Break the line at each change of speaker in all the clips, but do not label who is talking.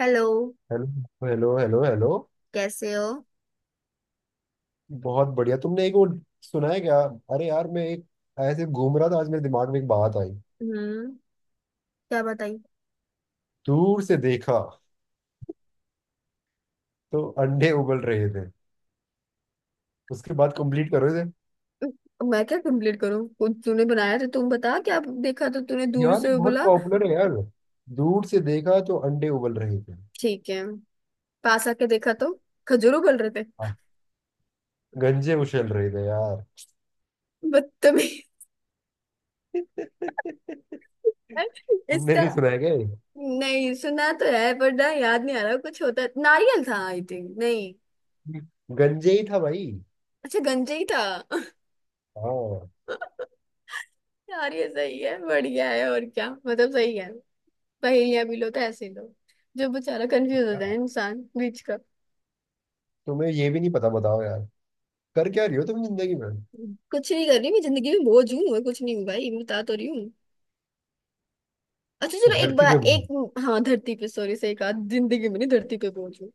Hello.
Hello. Hello hello hello.
कैसे हो?
बहुत बढ़िया। तुमने एक वो सुना है क्या? अरे यार, मैं एक ऐसे घूम रहा था, आज मेरे दिमाग में एक बात आई।
हम्म, क्या बताई?
दूर से देखा तो अंडे उबल रहे थे। उसके बाद कंप्लीट करो इसे।
अब मैं क्या कंप्लीट करूं, खुद तूने बनाया, तो तुम बता क्या देखा, तो तूने दूर
यार ये
से
बहुत
बोला।
पॉपुलर है यार। दूर से देखा तो अंडे उबल रहे थे।
ठीक है, पास आके देखा तो खजूरों गल रहे थे।
हाँ, गंजे उछल रहे थे यार।
बदतमीज।
तुमने
इसका।
नहीं सुना है क्या ये?
नहीं सुना तो है पर ना, याद नहीं आ रहा, कुछ होता नारियल था आई थिंक, नहीं।
गंजे ही था भाई।
अच्छा गंजे ही था।
हाँ।
यार ये सही है, बढ़िया है, और क्या मतलब सही है। पहेलियां भी लो तो ऐसे ही लो, जो बेचारा कंफ्यूज हो जाए इंसान बीच का।
तुम्हें ये भी नहीं पता, बताओ यार। कर क्या रही हो तुम जिंदगी में?
कुछ नहीं कर रही मैं जिंदगी में, बोझ हूँ और कुछ नहीं हूँ भाई, मैं बता तो रही हूँ। अच्छा चलो एक
धरती पे
बार
घूम।
एक। हाँ धरती पे, सॉरी, से एक आध जिंदगी में नहीं, धरती पे बोझ हूँ।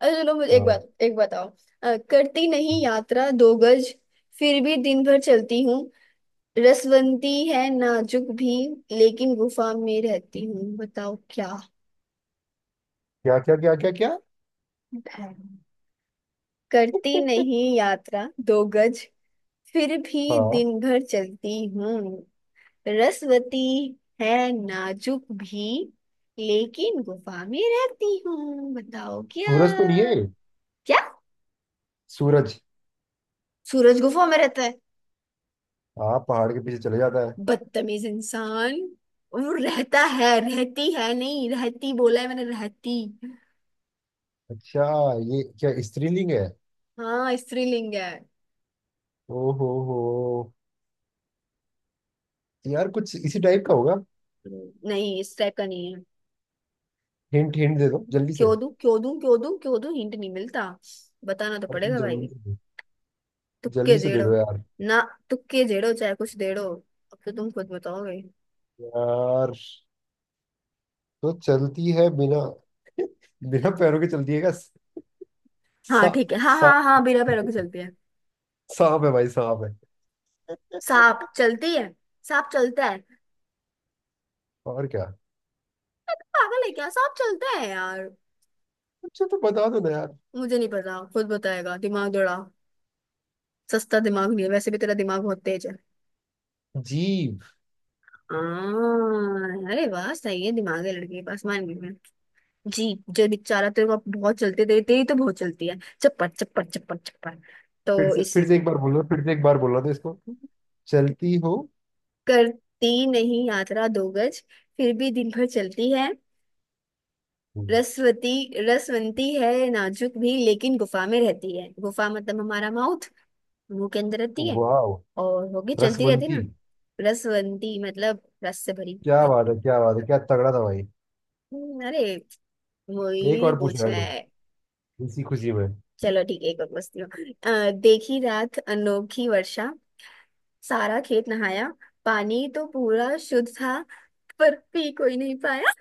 अच्छा चलो मुझे एक
हाँ।
बात एक बताओ। करती नहीं यात्रा दो गज, फिर भी दिन भर चलती हूँ, रसवंती है नाजुक भी, लेकिन गुफा में रहती हूँ, बताओ क्या
क्या क्या क्या क्या क्या।
है। करती नहीं यात्रा दो गज, फिर भी
हाँ,
दिन भर चलती हूँ, रसवती है नाजुक भी, लेकिन गुफा में रहती हूँ, बताओ क्या?
सूरज को नहीं है।
क्या
सूरज।
सूरज गुफा में रहता है?
हाँ, पहाड़ के पीछे चले जाता है।
बदतमीज इंसान। वो रहता है, रहती है नहीं, रहती बोला है मैंने, रहती।
अच्छा, ये क्या स्त्रीलिंग है?
हाँ स्त्रीलिंग है।
ओहो हो। यार कुछ इसी टाइप का होगा।
नहीं इस टाइप का नहीं है।
हिंट हिंट दे दो जल्दी से।
क्यों दूं क्यों दूं क्यों दूं क्यों दूं? हिंट नहीं मिलता, बताना तो
अब तुम
पड़ेगा
जल्दी
भाई।
से दो।
तुक्के
जल्दी से दे
जेड़ो।
दो यार।
ना, तुक्के जेड़ो चाहे कुछ देड़ो, अब तो तुम खुद बताओगे।
यार तो चलती है बिना। बिना पैरों के चलती है क्या?
हाँ
सा।
ठीक है, हाँ
सा।
हाँ हाँ, बिना पैरों की चलती है।
सांप है भाई, सांप है।
सांप चलती है? सांप चलता है, अरे
और क्या।
तू पागल है क्या, सांप चलता है यार?
अच्छा तो बता दो ना यार।
मुझे नहीं पता, खुद बताएगा, दिमाग दौड़ा। सस्ता दिमाग नहीं है, वैसे भी तेरा दिमाग बहुत तेज है।
जीभ।
आ, अरे वाह सही है, दिमाग है लड़के के पास, मान गई मैं। जी। जो बेचारा तेरे को बहुत चलते, तेरी तेरी तो बहुत चलती है, चप्पड़ चप्पड़ चप्पड़ चप्पड़,
फिर
तो
से, फिर से एक
इसीलिए।
बार बोलना, फिर से एक बार बोलना तो इसको। चलती हो।
करती नहीं यात्रा दो गज, फिर भी दिन भर चलती है, रसवती, रसवंती है नाजुक भी, लेकिन गुफा में रहती है। गुफा मतलब हमारा माउथ, मुंह के अंदर रहती है
वाह।
और होगी, चलती रहती है
रसवंती।
ना। रसवंती मतलब रस से भरी।
क्या बात है, क्या बात है, क्या तगड़ा था भाई।
अरे, मोहिनी
एक
ने
और पूछ रहा
पूछा
हूँ,
है।
इसी खुशी में।
चलो ठीक है एक और पूछती हूँ। देखी रात अनोखी वर्षा, सारा खेत नहाया, पानी तो पूरा शुद्ध था, पर पी कोई नहीं पाया।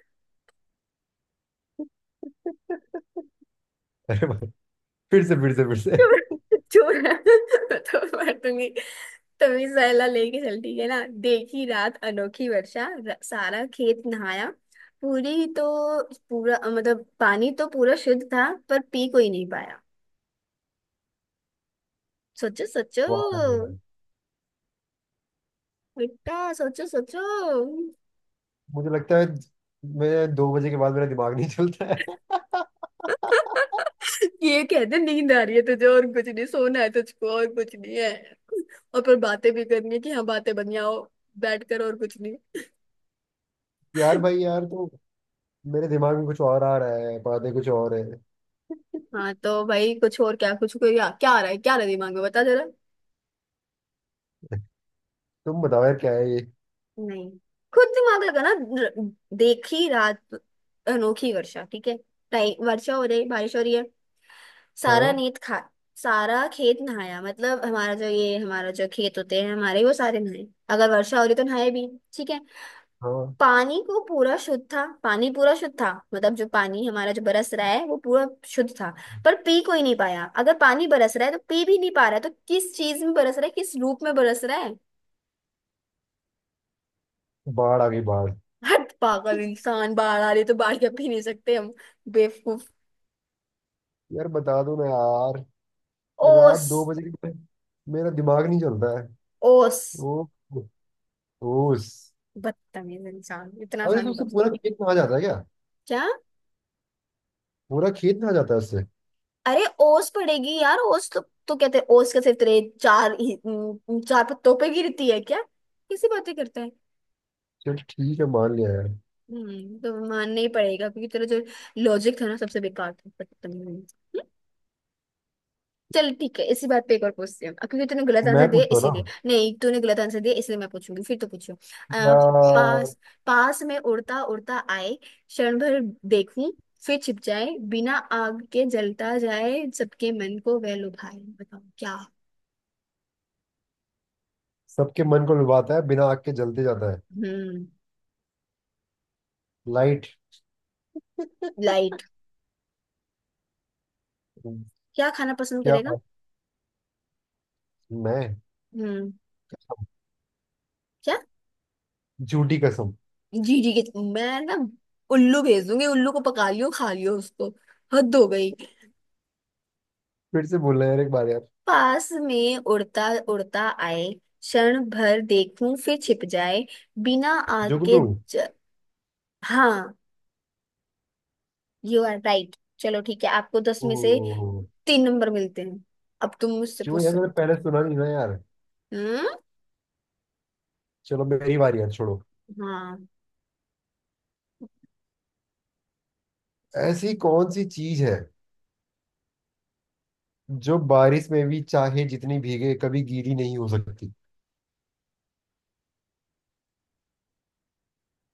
अरे भाई, फिर से फिर से फिर से।
चोर चोर, बताओ। मार दूंगी। तभी सहला लेके चलती है ना। देखी रात अनोखी वर्षा, सारा खेत नहाया, पूरी तो, पूरा मतलब पानी तो पूरा शुद्ध था, पर पी कोई नहीं पाया। सोचो सोचो।
वाह यार, वाह।
बेटा सोचो सोचो।
मुझे लगता है मैं दो बजे के बाद मेरा दिमाग नहीं चलता है।
ये कहते नींद आ रही है तुझे और कुछ नहीं, सोना है तुझको और कुछ नहीं है। और पर बातें भी करनी है कि हाँ बातें बन जाओ बैठ कर, और कुछ नहीं।
यार भाई यार, तो मेरे दिमाग में कुछ और आ रहा है, बातें कुछ और है।
हाँ तो भाई कुछ और क्या, कुछ कोई क्या क्या आ रहा है, क्या आ रहा है दिमाग में, बता जरा।
तुम बताओ यार क्या है ये।
नहीं, खुद दिमाग लगाना। र- देखी रात अनोखी वर्षा, ठीक है, टाइम वर्षा हो रही, बारिश हो रही है। सारा
हाँ।
नेत खा, सारा खेत नहाया, मतलब हमारा जो ये, हमारा जो खेत होते हैं हमारे, वो सारे नहाए। अगर वर्षा हो रही तो नहाए भी, ठीक है।
हाँ,
पानी को पूरा शुद्ध था, पानी पूरा शुद्ध था मतलब जो पानी हमारा जो बरस रहा है वो पूरा शुद्ध था। पर पी कोई नहीं पाया, अगर पानी बरस रहा है तो पी भी नहीं पा रहा है, तो किस चीज में बरस रहा है, किस रूप में बरस रहा है।
बाढ़ आ गई, बाढ़।
हट पागल इंसान, बाढ़ आ रही तो बाढ़ के पी नहीं सकते हम, बेवकूफ।
यार बता दो ना यार। रात
ओस।
दो बजे के बाद मेरा दिमाग नहीं चलता है।
ओस।
ओ। ओस।
बदतमीज इंसान, इतना
अरे तो
आसानी
उससे
पर।
पूरा खेत में आ जाता है क्या?
क्या?
पूरा खेत में आ जाता है उससे।
अरे ओस पड़ेगी यार, ओस तो कहते हैं ओस के सिर्फ तेरे चार पत्तों पे गिरती है क्या? किसी बातें करते हैं।
चल, ठीक है, मान लिया यार।
तो मानना ही पड़ेगा, क्योंकि तेरा जो लॉजिक था ना सबसे बेकार था, बदतमीज इंसान। चल ठीक है, इसी बात पे एक और पूछते हैं अब, क्योंकि तूने गलत आंसर
मैं
दिया
पूछता हूँ
इसीलिए,
ना।
नहीं तूने गलत आंसर दिया इसलिए मैं पूछूंगी, फिर तो पूछो। अ,
क्या
पास, पास में उड़ता उड़ता आए क्षण भर, देखूं फिर छिप जाए, बिना आग के जलता जाए, सबके मन को वह लुभाए, बताओ क्या?
सबके मन को लुभाता है, बिना आग के जलते जाता है?
हम्म।
लाइट।
लाइट। क्या खाना पसंद
क्या
करेगा?
बात। मैं
हम्म, क्या?
झूठी कसम।
जी जी के मैं ना उल्लू भेज दूंगी, उल्लू को पका लियो, खा लियो उसको, हद हो गई।
फिर से बोलना है यार एक बार यार।
पास में उड़ता उड़ता आए, क्षण भर देखूं फिर छिप जाए, बिना आग के
जुगनू।
ज... हाँ, यू आर राइट, चलो ठीक है, आपको दस में से
ओह।
तीन नंबर मिलते हैं। अब तुम मुझसे
क्यों
पूछ
यार,
सकते
मैंने पहले सुना नहीं ना यार।
हो। हम्म।
चलो मेरी बारी यार, छोड़ो।
हाँ।
ऐसी कौन सी चीज है जो बारिश में भी चाहे जितनी भीगे कभी गीली नहीं हो सकती?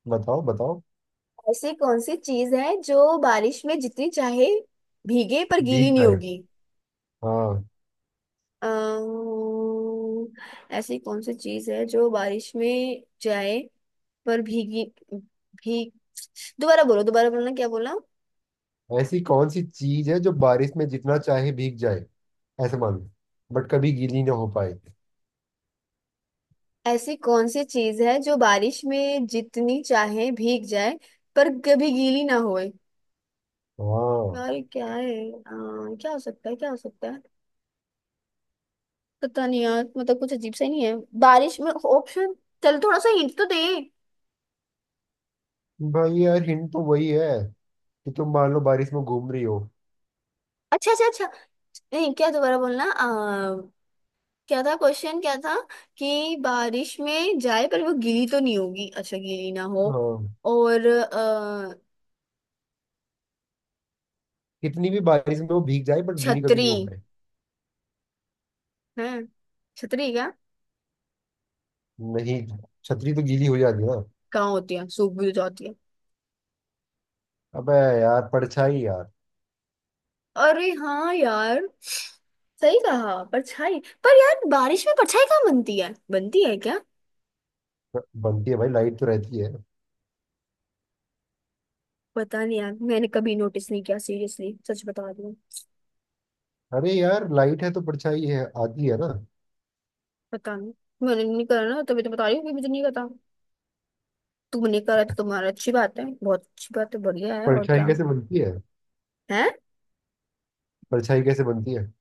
बताओ बताओ।
ऐसी कौन सी चीज है जो बारिश में जितनी चाहे भीगे पर गीली
भीग
नहीं
जाए।
होगी।
हाँ।
अम्म, ऐसी कौन सी चीज है जो बारिश में जाए, पर भीगी, भीग, दोबारा बोलो, दोबारा बोलना क्या बोला।
ऐसी कौन सी चीज है जो बारिश में जितना चाहे भीग जाए, ऐसे मान लो, बट कभी गीली ना हो पाए।
ऐसी कौन सी चीज है जो बारिश में जितनी चाहे भीग जाए, पर कभी गीली ना होए।
हाँ।
यार ये क्या है, क्या हो सकता है, क्या हो सकता है। पता नहीं यार, मतलब कुछ अजीब सा ही नहीं है, बारिश में ऑप्शन। चल थोड़ा सा हिंट तो दे।
भाई यार, हिंट तो वही है कि तुम मान लो बारिश में घूम रही हो।
अच्छा अच्छा अच्छा, नहीं क्या, दोबारा बोलना, क्या था क्वेश्चन क्या था, कि बारिश में जाए पर वो गीली तो नहीं होगी, अच्छा गीली ना हो,
हाँ।
और
कितनी भी बारिश में वो भीग जाए, बट गीली कभी
छतरी
नहीं हो पाए।
है। छतरी क्या,
नहीं, छतरी तो गीली हो जाती है ना।
कहाँ होती है, सूख भी तो जाती है।
अबे, यार परछाई यार।
अरे हाँ यार, सही कहा परछाई। पर यार बारिश में परछाई कहाँ बनती है, बनती है क्या?
बनती है भाई, लाइट तो रहती है।
पता नहीं यार, मैंने कभी नोटिस नहीं किया, सीरियसली सच बता रही हूँ।
अरे यार, लाइट है तो परछाई है, आती है ना।
पता नहीं, मैंने नहीं करा ना, तभी तो बता रही हूँ कि मुझे नहीं पता। तुमने करा तो तुम्हारा अच्छी बात है, बहुत अच्छी बात है, बढ़िया है और
परछाई
क्या
कैसे बनती है?
है।
परछाई कैसे बनती है?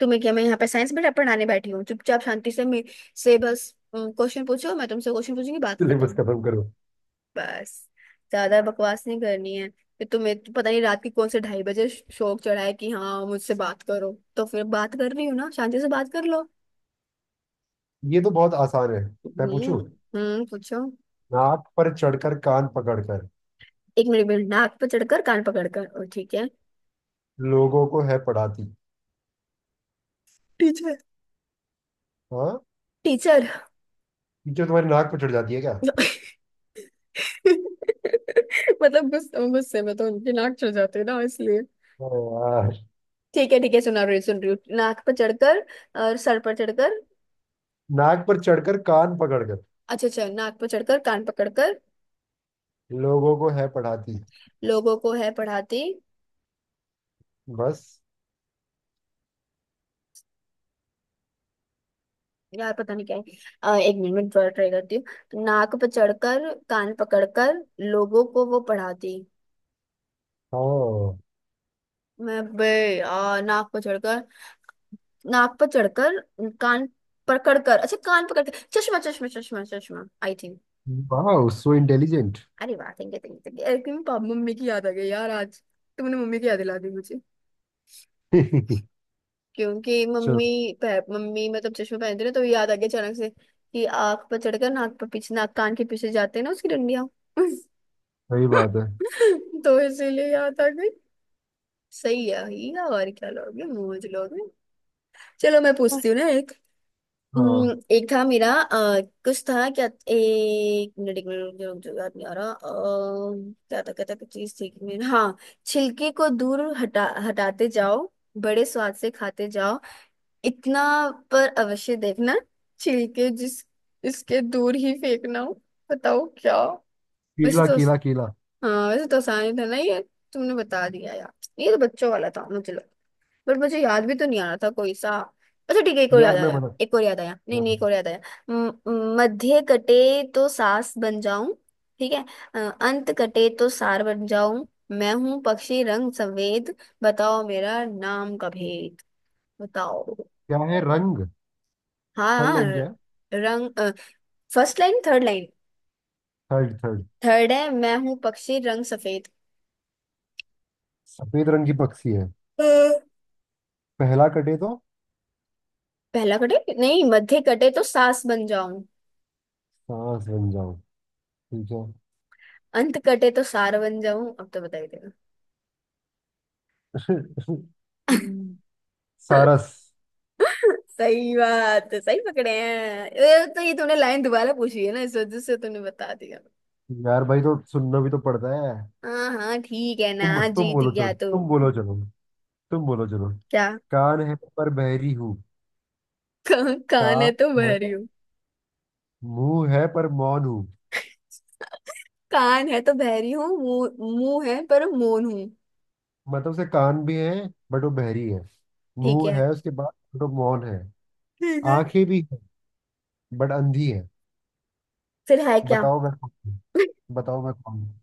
तुम्हें क्या, मैं यहाँ पे साइंस बेटा पढ़ाने बैठी हूँ, चुपचाप शांति से मे से बस क्वेश्चन पूछो, मैं तुमसे क्वेश्चन पूछूंगी, बात
सिलेबस
खत्म।
खत्म करो।
बस, ज्यादा बकवास नहीं करनी है। फिर तुम्हें तो पता नहीं रात के कौन से ढाई बजे शौक चढ़ा है कि हाँ मुझसे बात करो, तो फिर बात कर रही हूँ ना, शांति से बात कर लो।
ये तो बहुत आसान है। मैं
हम्म।
पूछूं।
हम्म, पूछो।
नाक पर चढ़कर कान पकड़कर
एक मिनट एक मिनट, नाक पर चढ़कर कान पकड़कर और ठीक है।
लोगों को है पढ़ाती।
टीचर।
हाँ,
टीचर।
ये क्या तुम्हारी नाक पर चढ़ जाती है क्या?
मतलब गुस्से गुस्से में तो उनकी नाक चढ़ जाती है ना, इसलिए।
अरे यार।
ठीक है ठीक है, सुना रही सुन रही हूँ, नाक पर चढ़कर और सर पर चढ़कर।
नाक पर चढ़कर कान पकड़कर
अच्छा अच्छा, नाक पर चढ़कर कान पकड़कर
लोगों को है पढ़ाती।
लोगों को है पढ़ाती।
बस।
यार पता नहीं क्या है। एक मिनट में थोड़ा ट्राई करती हूँ, नाक पे चढ़कर कान पकड़कर लोगों को वो पढ़ाती।
हाँ।
मैं बे, नाक पर चढ़कर, नाक पर चढ़कर कान पकड़कर, अच्छा कान पकड़कर, चश्मा चश्मा चश्मा चश्मा आई थिंक।
वाह, सो इंटेलिजेंट।
अरे वाह, thank you thank you thank you, papa mummy की याद आ गई यार आज, तुमने मम्मी की याद दिला दी मुझे। क्योंकि
चलो।
मम्मी, मम्मी मतलब चश्मा पहनते ना तो याद आ गया अचानक से, कि आँख पर चढ़कर नाक पर पीछे, नाक कान के पीछे जाते हैं ना उसकी डंडियां।
सही बात है।
तो इसीलिए याद आ गई। सही है ही है, और क्या लोगे मूज लोगे। चलो मैं पूछती हूँ ना एक।
हाँ।
एक था मेरा, कुछ था क्या, एक मिनट एक मिनट, रुक जाओ, याद नहीं आ रहा, क्या था क्या था, कुछ चीज थी मेरा, हाँ। छिलके को दूर हटा हटाते जाओ, बड़े स्वाद से खाते जाओ, इतना पर अवश्य देखना, छिलके जिस इसके दूर ही फेंकना हो, बताओ क्या? वैसे
कीला
तो,
कीला कीला।
हाँ वैसे तो आसानी था ना ये, तुमने बता दिया यार, ये तो बच्चों वाला था मुझे लग, बट मुझे याद भी तो नहीं आ रहा था कोई सा। अच्छा ठीक है, एक और याद
यार मैं
आया,
बना।
एक और याद आया, नहीं नहीं एक
हाँ,
और याद आया। म- मध्य कटे तो सास बन जाऊं, ठीक है, अंत कटे तो सार बन जाऊं, मैं हूं पक्षी रंग सफेद, बताओ मेरा नाम का भेद, बताओ।
क्या है रंग?
हाँ
थर्ड
हाँ,
लाइन क्या है?
रंग, first line, third line,
third third
third है, मैं हूं पक्षी रंग सफेद।
सफेद रंग की पक्षी है। पहला कटे तो
पहला कटे नहीं, मध्य कटे तो सास बन जाऊं,
सांस बन जाओ। ठीक।
अंत कटे तो सार बन जाऊं, अब तो बता ही देना।
है सारस।
सही बात, सही पकड़े हैं ये तो, ये तुमने लाइन दोबारा पूछी है ना इस वजह से तुमने बता दिया।
यार भाई तो सुनना भी तो पड़ता है।
हाँ हाँ ठीक है
तुम
ना,
तुम
जीत
बोलो चलो,
गया तो।
तुम बोलो चलो, तुम बोलो चलो।
क्या?
कान है पर बहरी हूँ।
कान कान है
कान
तो
है।
बहरी हूँ,
मुंह है पर मौन हूँ।
कान है तो बहरी हूँ, मुंह मुंह है पर मौन हूँ।
मतलब उसे कान भी है, बट वो बहरी है।
ठीक
मुंह
है।
है उसके बाद। बट वो मौन है।
ठीक है।
आंखें भी है, बट अंधी है।
फिर है क्या?
बताओ मैं कौन हूँ? बताओ मैं कौन हूँ?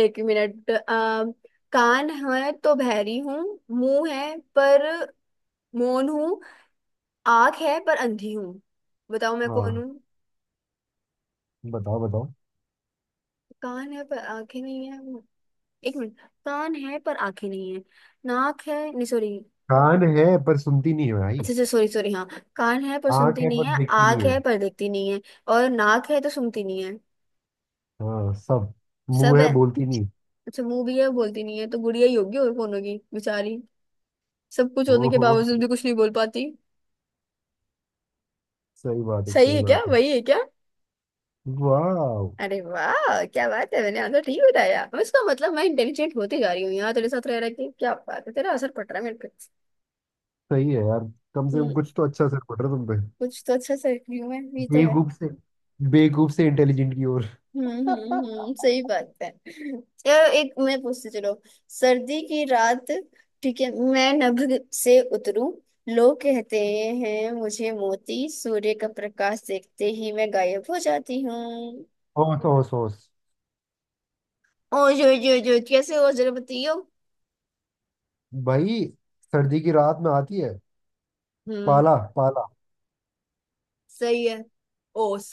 एक मिनट, कान है तो बहरी हूँ, मुंह है पर मौन हूँ, आंख है पर अंधी हूँ, बताओ मैं कौन
हाँ,
हूँ?
बताओ बताओ।
कान है पर आंखें नहीं है, एक मिनट, कान है पर आंखें नहीं है, नाक है नहीं, सॉरी।
कान है पर सुनती नहीं है भाई।
अच्छा अच्छा सॉरी सॉरी, हाँ। कान है पर
आंख
सुनती
है
नहीं
पर
है,
देखती
आंख
नहीं
है
है।
पर देखती नहीं है, और नाक है तो सुनती नहीं है,
हाँ सब। मुंह
सब
है,
है।
बोलती नहीं।
अच्छा मुंह भी है बोलती नहीं है, तो गुड़िया ही होगी, और कौन होगी बेचारी, सब कुछ होने
ओ
के
हो।
बावजूद भी कुछ नहीं बोल पाती।
सही बात है,
सही
सही
है क्या,
बात है।
वही है क्या?
वाह।
अरे वाह क्या बात है, मैंने आंसर ठीक बताया, अब इसका मतलब मैं इंटेलिजेंट होती जा रही हूँ। यहाँ तेरे साथ रह रहा कि क्या बात है, तेरा असर पड़ रहा है मेरे पे।
सही है यार। कम से कम
हम्म।
कुछ तो अच्छा असर पड़ रहा है तुम पे।
कुछ तो अच्छा से ह्यूमन भी तो है।
बेवकूफ से, बेवकूफ से इंटेलिजेंट की ओर।
हम्म, सही बात है, चलो। एक मैं पूछती, चलो। सर्दी की रात, ठीक है, मैं नभ से उतरूं, लोग कहते हैं मुझे मोती। सूर्य का प्रकाश देखते ही मैं गायब हो जाती हूँ।
होश होश होश।
ओ जो जो जो कैसे हो, जरा बताइयो।
भाई, सर्दी की रात में आती है।
हम्म,
पाला पाला।
सही है। ओस।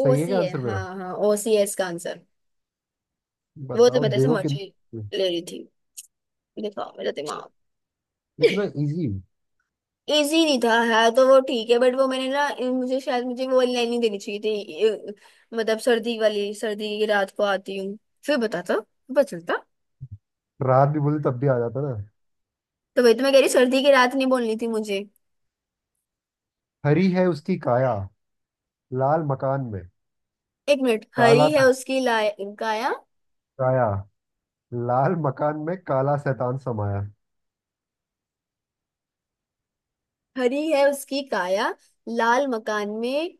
ओ
है
सी
क्या
है,
आंसर मेरा?
हाँ हाँ, ओ सी है इसका आंसर। वो तो
बताओ
मैं जैसे
देखो
मजे
कितना
ले रही थी, दिखाओ मेरा दिमाग।
इतना इजी।
इजी नहीं था, है तो वो ठीक है, बट वो मैंने ना, मुझे शायद मुझे वो लाइन नहीं देनी चाहिए थी। मतलब सर्दी वाली, सर्दी की रात को आती हूँ फिर बताता, पता चलता।
रात भी बोलते तब भी आ जाता ना।
तो वही तो मैं कह रही, सर्दी की रात नहीं बोलनी थी मुझे।
हरी है उसकी काया, लाल मकान में
एक मिनट,
काला।
हरी है उसकी लाय, काया।
काया। लाल मकान में काला शैतान समाया।
हरी है उसकी काया, लाल मकान में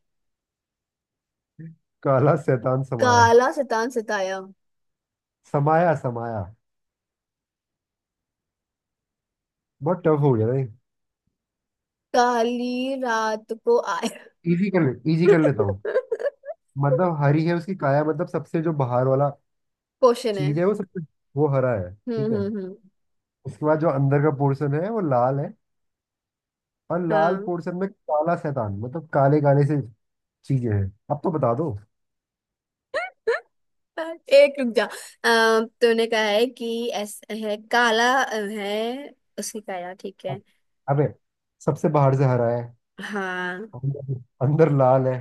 काला शैतान समाया।
काला शैतान सताया,
समाया समाया। बहुत टफ हो गया नहीं?
काली रात को आया।
इजी कर ले, इजी कर लेता हूँ। मतलब हरी है उसकी काया मतलब सबसे जो बाहर वाला
क्वेश्चन है।
चीज है वो सबसे, वो हरा है, ठीक है।
हम्म।
उसके बाद जो अंदर का पोर्शन है वो लाल है। और लाल
हाँ।
पोर्शन में काला शैतान मतलब काले काले से चीजें हैं। अब तो बता दो।
एक रुक जा, तूने कहा है कि ऐसा है, काला है उसकी काया, ठीक है।
अब- अबे सबसे बाहर से हरा है।
हाँ।
अंदर, अंदर लाल है।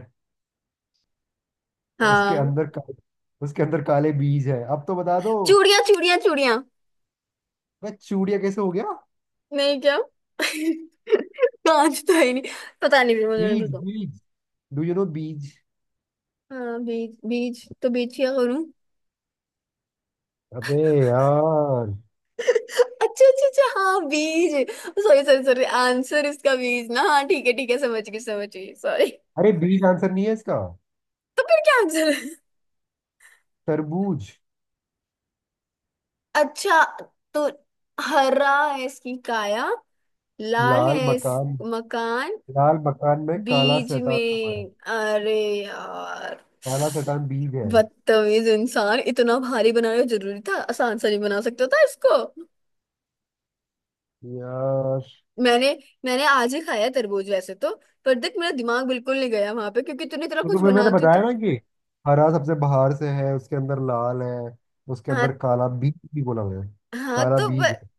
और उसके
हाँ।
अंदर का, उसके अंदर काले बीज है। अब तो बता दो।
चूड़ियां चूड़ियां चूड़ियां।
मैं चूड़िया कैसे हो गया?
नहीं क्या। कांच तो है ही नहीं। पता नहीं, फिर मुझे नहीं
बीज
पता।
बीज। डू यू नो बीज?
हाँ बीज, बीज तो बीज क्या करूं।
अबे यार।
अच्छा अच्छा अच्छा, हाँ बीज, सॉरी सॉरी सॉरी, आंसर इसका बीज ना, हाँ ठीक है, ठीक है समझ गई, समझ गई, सॉरी।
अरे बीज आंसर नहीं है इसका।
क्या आंसर है?
तरबूज।
अच्छा। तो हरा है इसकी काया, लाल
लाल
है इस
मकान।
मकान,
लाल मकान में काला
बीज
शैतान समा
में।
है।
अरे यार,
काला शैतान बीज है।
बदतमीज इंसान, इतना भारी बनाना जरूरी था? आसान सा नहीं बना सकता था इसको?
यार,
मैंने, मैंने आज ही खाया है तरबूज वैसे तो, पर देख मेरा दिमाग बिल्कुल नहीं गया वहां पे, क्योंकि तूने इतना
तो
कुछ
तुम्हें
बना
मैंने
दिया
बताया
था।
ना कि हरा सबसे बाहर से है, उसके अंदर लाल है, उसके
हाँ।
अंदर काला बीज भी बोला हुआ है।
हाँ
काला
तो
बीज है।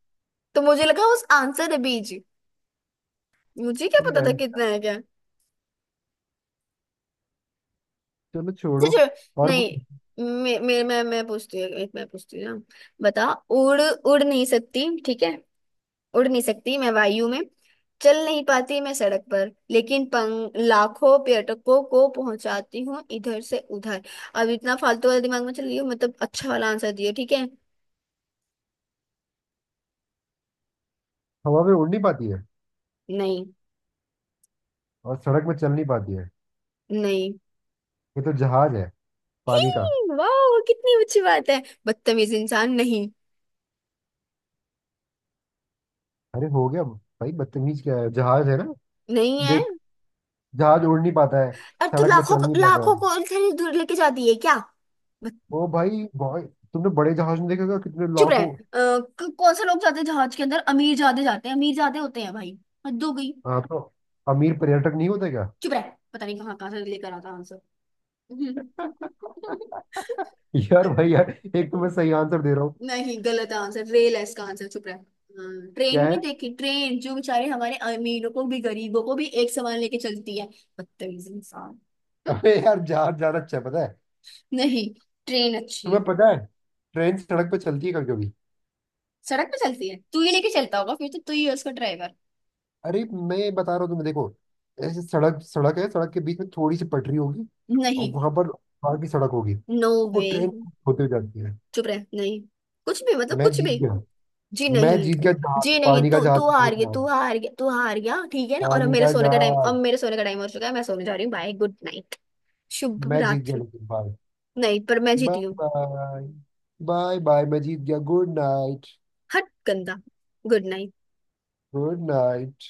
तो मुझे लगा उस आंसर है बीज। मुझे क्या
तुम
पता था,
रहन दो। यार।
कितना है क्या।
चलो
अच्छा
छोड़ो।
छोड़
और वो
नहीं, मैं पूछती हूँ, एक मैं पूछती हूँ ना। बता, उड़ उड़ नहीं सकती, ठीक है। उड़ नहीं सकती मैं वायु में, चल नहीं पाती मैं सड़क पर, लेकिन पंग लाखों पर्यटकों को पहुंचाती हूँ इधर से उधर। अब इतना फालतू वाला दिमाग में चल रही हो, मतलब अच्छा वाला आंसर दियो, ठीक है।
हवा में उड़ नहीं पाती है
नहीं।
और सड़क में चल नहीं पाती है।
नहीं।
ये तो जहाज है,
ही,
पानी का।
वाह कितनी अच्छी बात है, बदतमीज इंसान। नहीं।
अरे हो गया भाई, बदतमीज क्या है, जहाज है ना।
नहीं है।
देख, जहाज उड़ नहीं पाता है,
अब तो
सड़क में
लाखों
चल नहीं पाता
लाखों
है।
को इतनी दूर लेके जाती है क्या।
ओ भाई भाई, तुमने बड़े जहाज में देखा होगा कितने
चुप रहे।
लाखों।
कौन से लोग जाते हैं जहाज के अंदर? अमीर ज्यादा जाते हैं, अमीर ज्यादा होते हैं भाई। हद हो गई।
हाँ तो अमीर पर्यटक नहीं होते क्या?
चुप रहे। पता नहीं कहाँ कहाँ से लेकर आता आंसर।
यार भाई यार, एक तो मैं सही आंसर दे रहा हूँ।
नहीं, गलत आंसर। रेल है इसका आंसर, चुप रहे। हाँ, ट्रेन
क्या है?
नहीं देखी? ट्रेन जो बेचारे हमारे अमीरों को भी, गरीबों को भी एक समान लेके चलती है। बदतमीज इंसान। हम्म,
अरे यार, जहाज ज्यादा अच्छा है, पता है।
नहीं। ट्रेन अच्छी
तुम्हें
है।
पता है, ट्रेन सड़क पे चलती है कभी कभी।
सड़क पे चलती है? तू ही लेके चलता होगा फिर, तो तू ही है उसका ड्राइवर।
अरे, मैं बता रहा हूँ तुम्हें, देखो। ऐसे सड़क, सड़क है, सड़क के बीच में थोड़ी सी पटरी होगी और
नहीं,
वहां पर बाहर की सड़क होगी,
नो
वो
वे,
ट्रेन होते हुए जाती है।
चुप रह। नहीं कुछ भी, मतलब
मैं
कुछ
जीत
भी।
गया।
जी
मैं
नहीं।
जीत गया,
जी
जहाज,
नहीं,
पानी का
तू
जहाज।
तू हार गई, तू हार गया, तू हार गया, ठीक है ना। और अब
पानी
मेरे
का
सोने का टाइम, अब
जहाज।
मेरे सोने का टाइम हो चुका है, मैं सोने जा रही हूँ। Bye, good night. शुभ
मैं जीत गया,
रात्रि।
लेकिन बाय।
नहीं, पर मैं
बाय
जीती हूँ।
बाय। बाय बाय, मैं जीत गया। Good night.
हट गंदा। Good night.
Good night.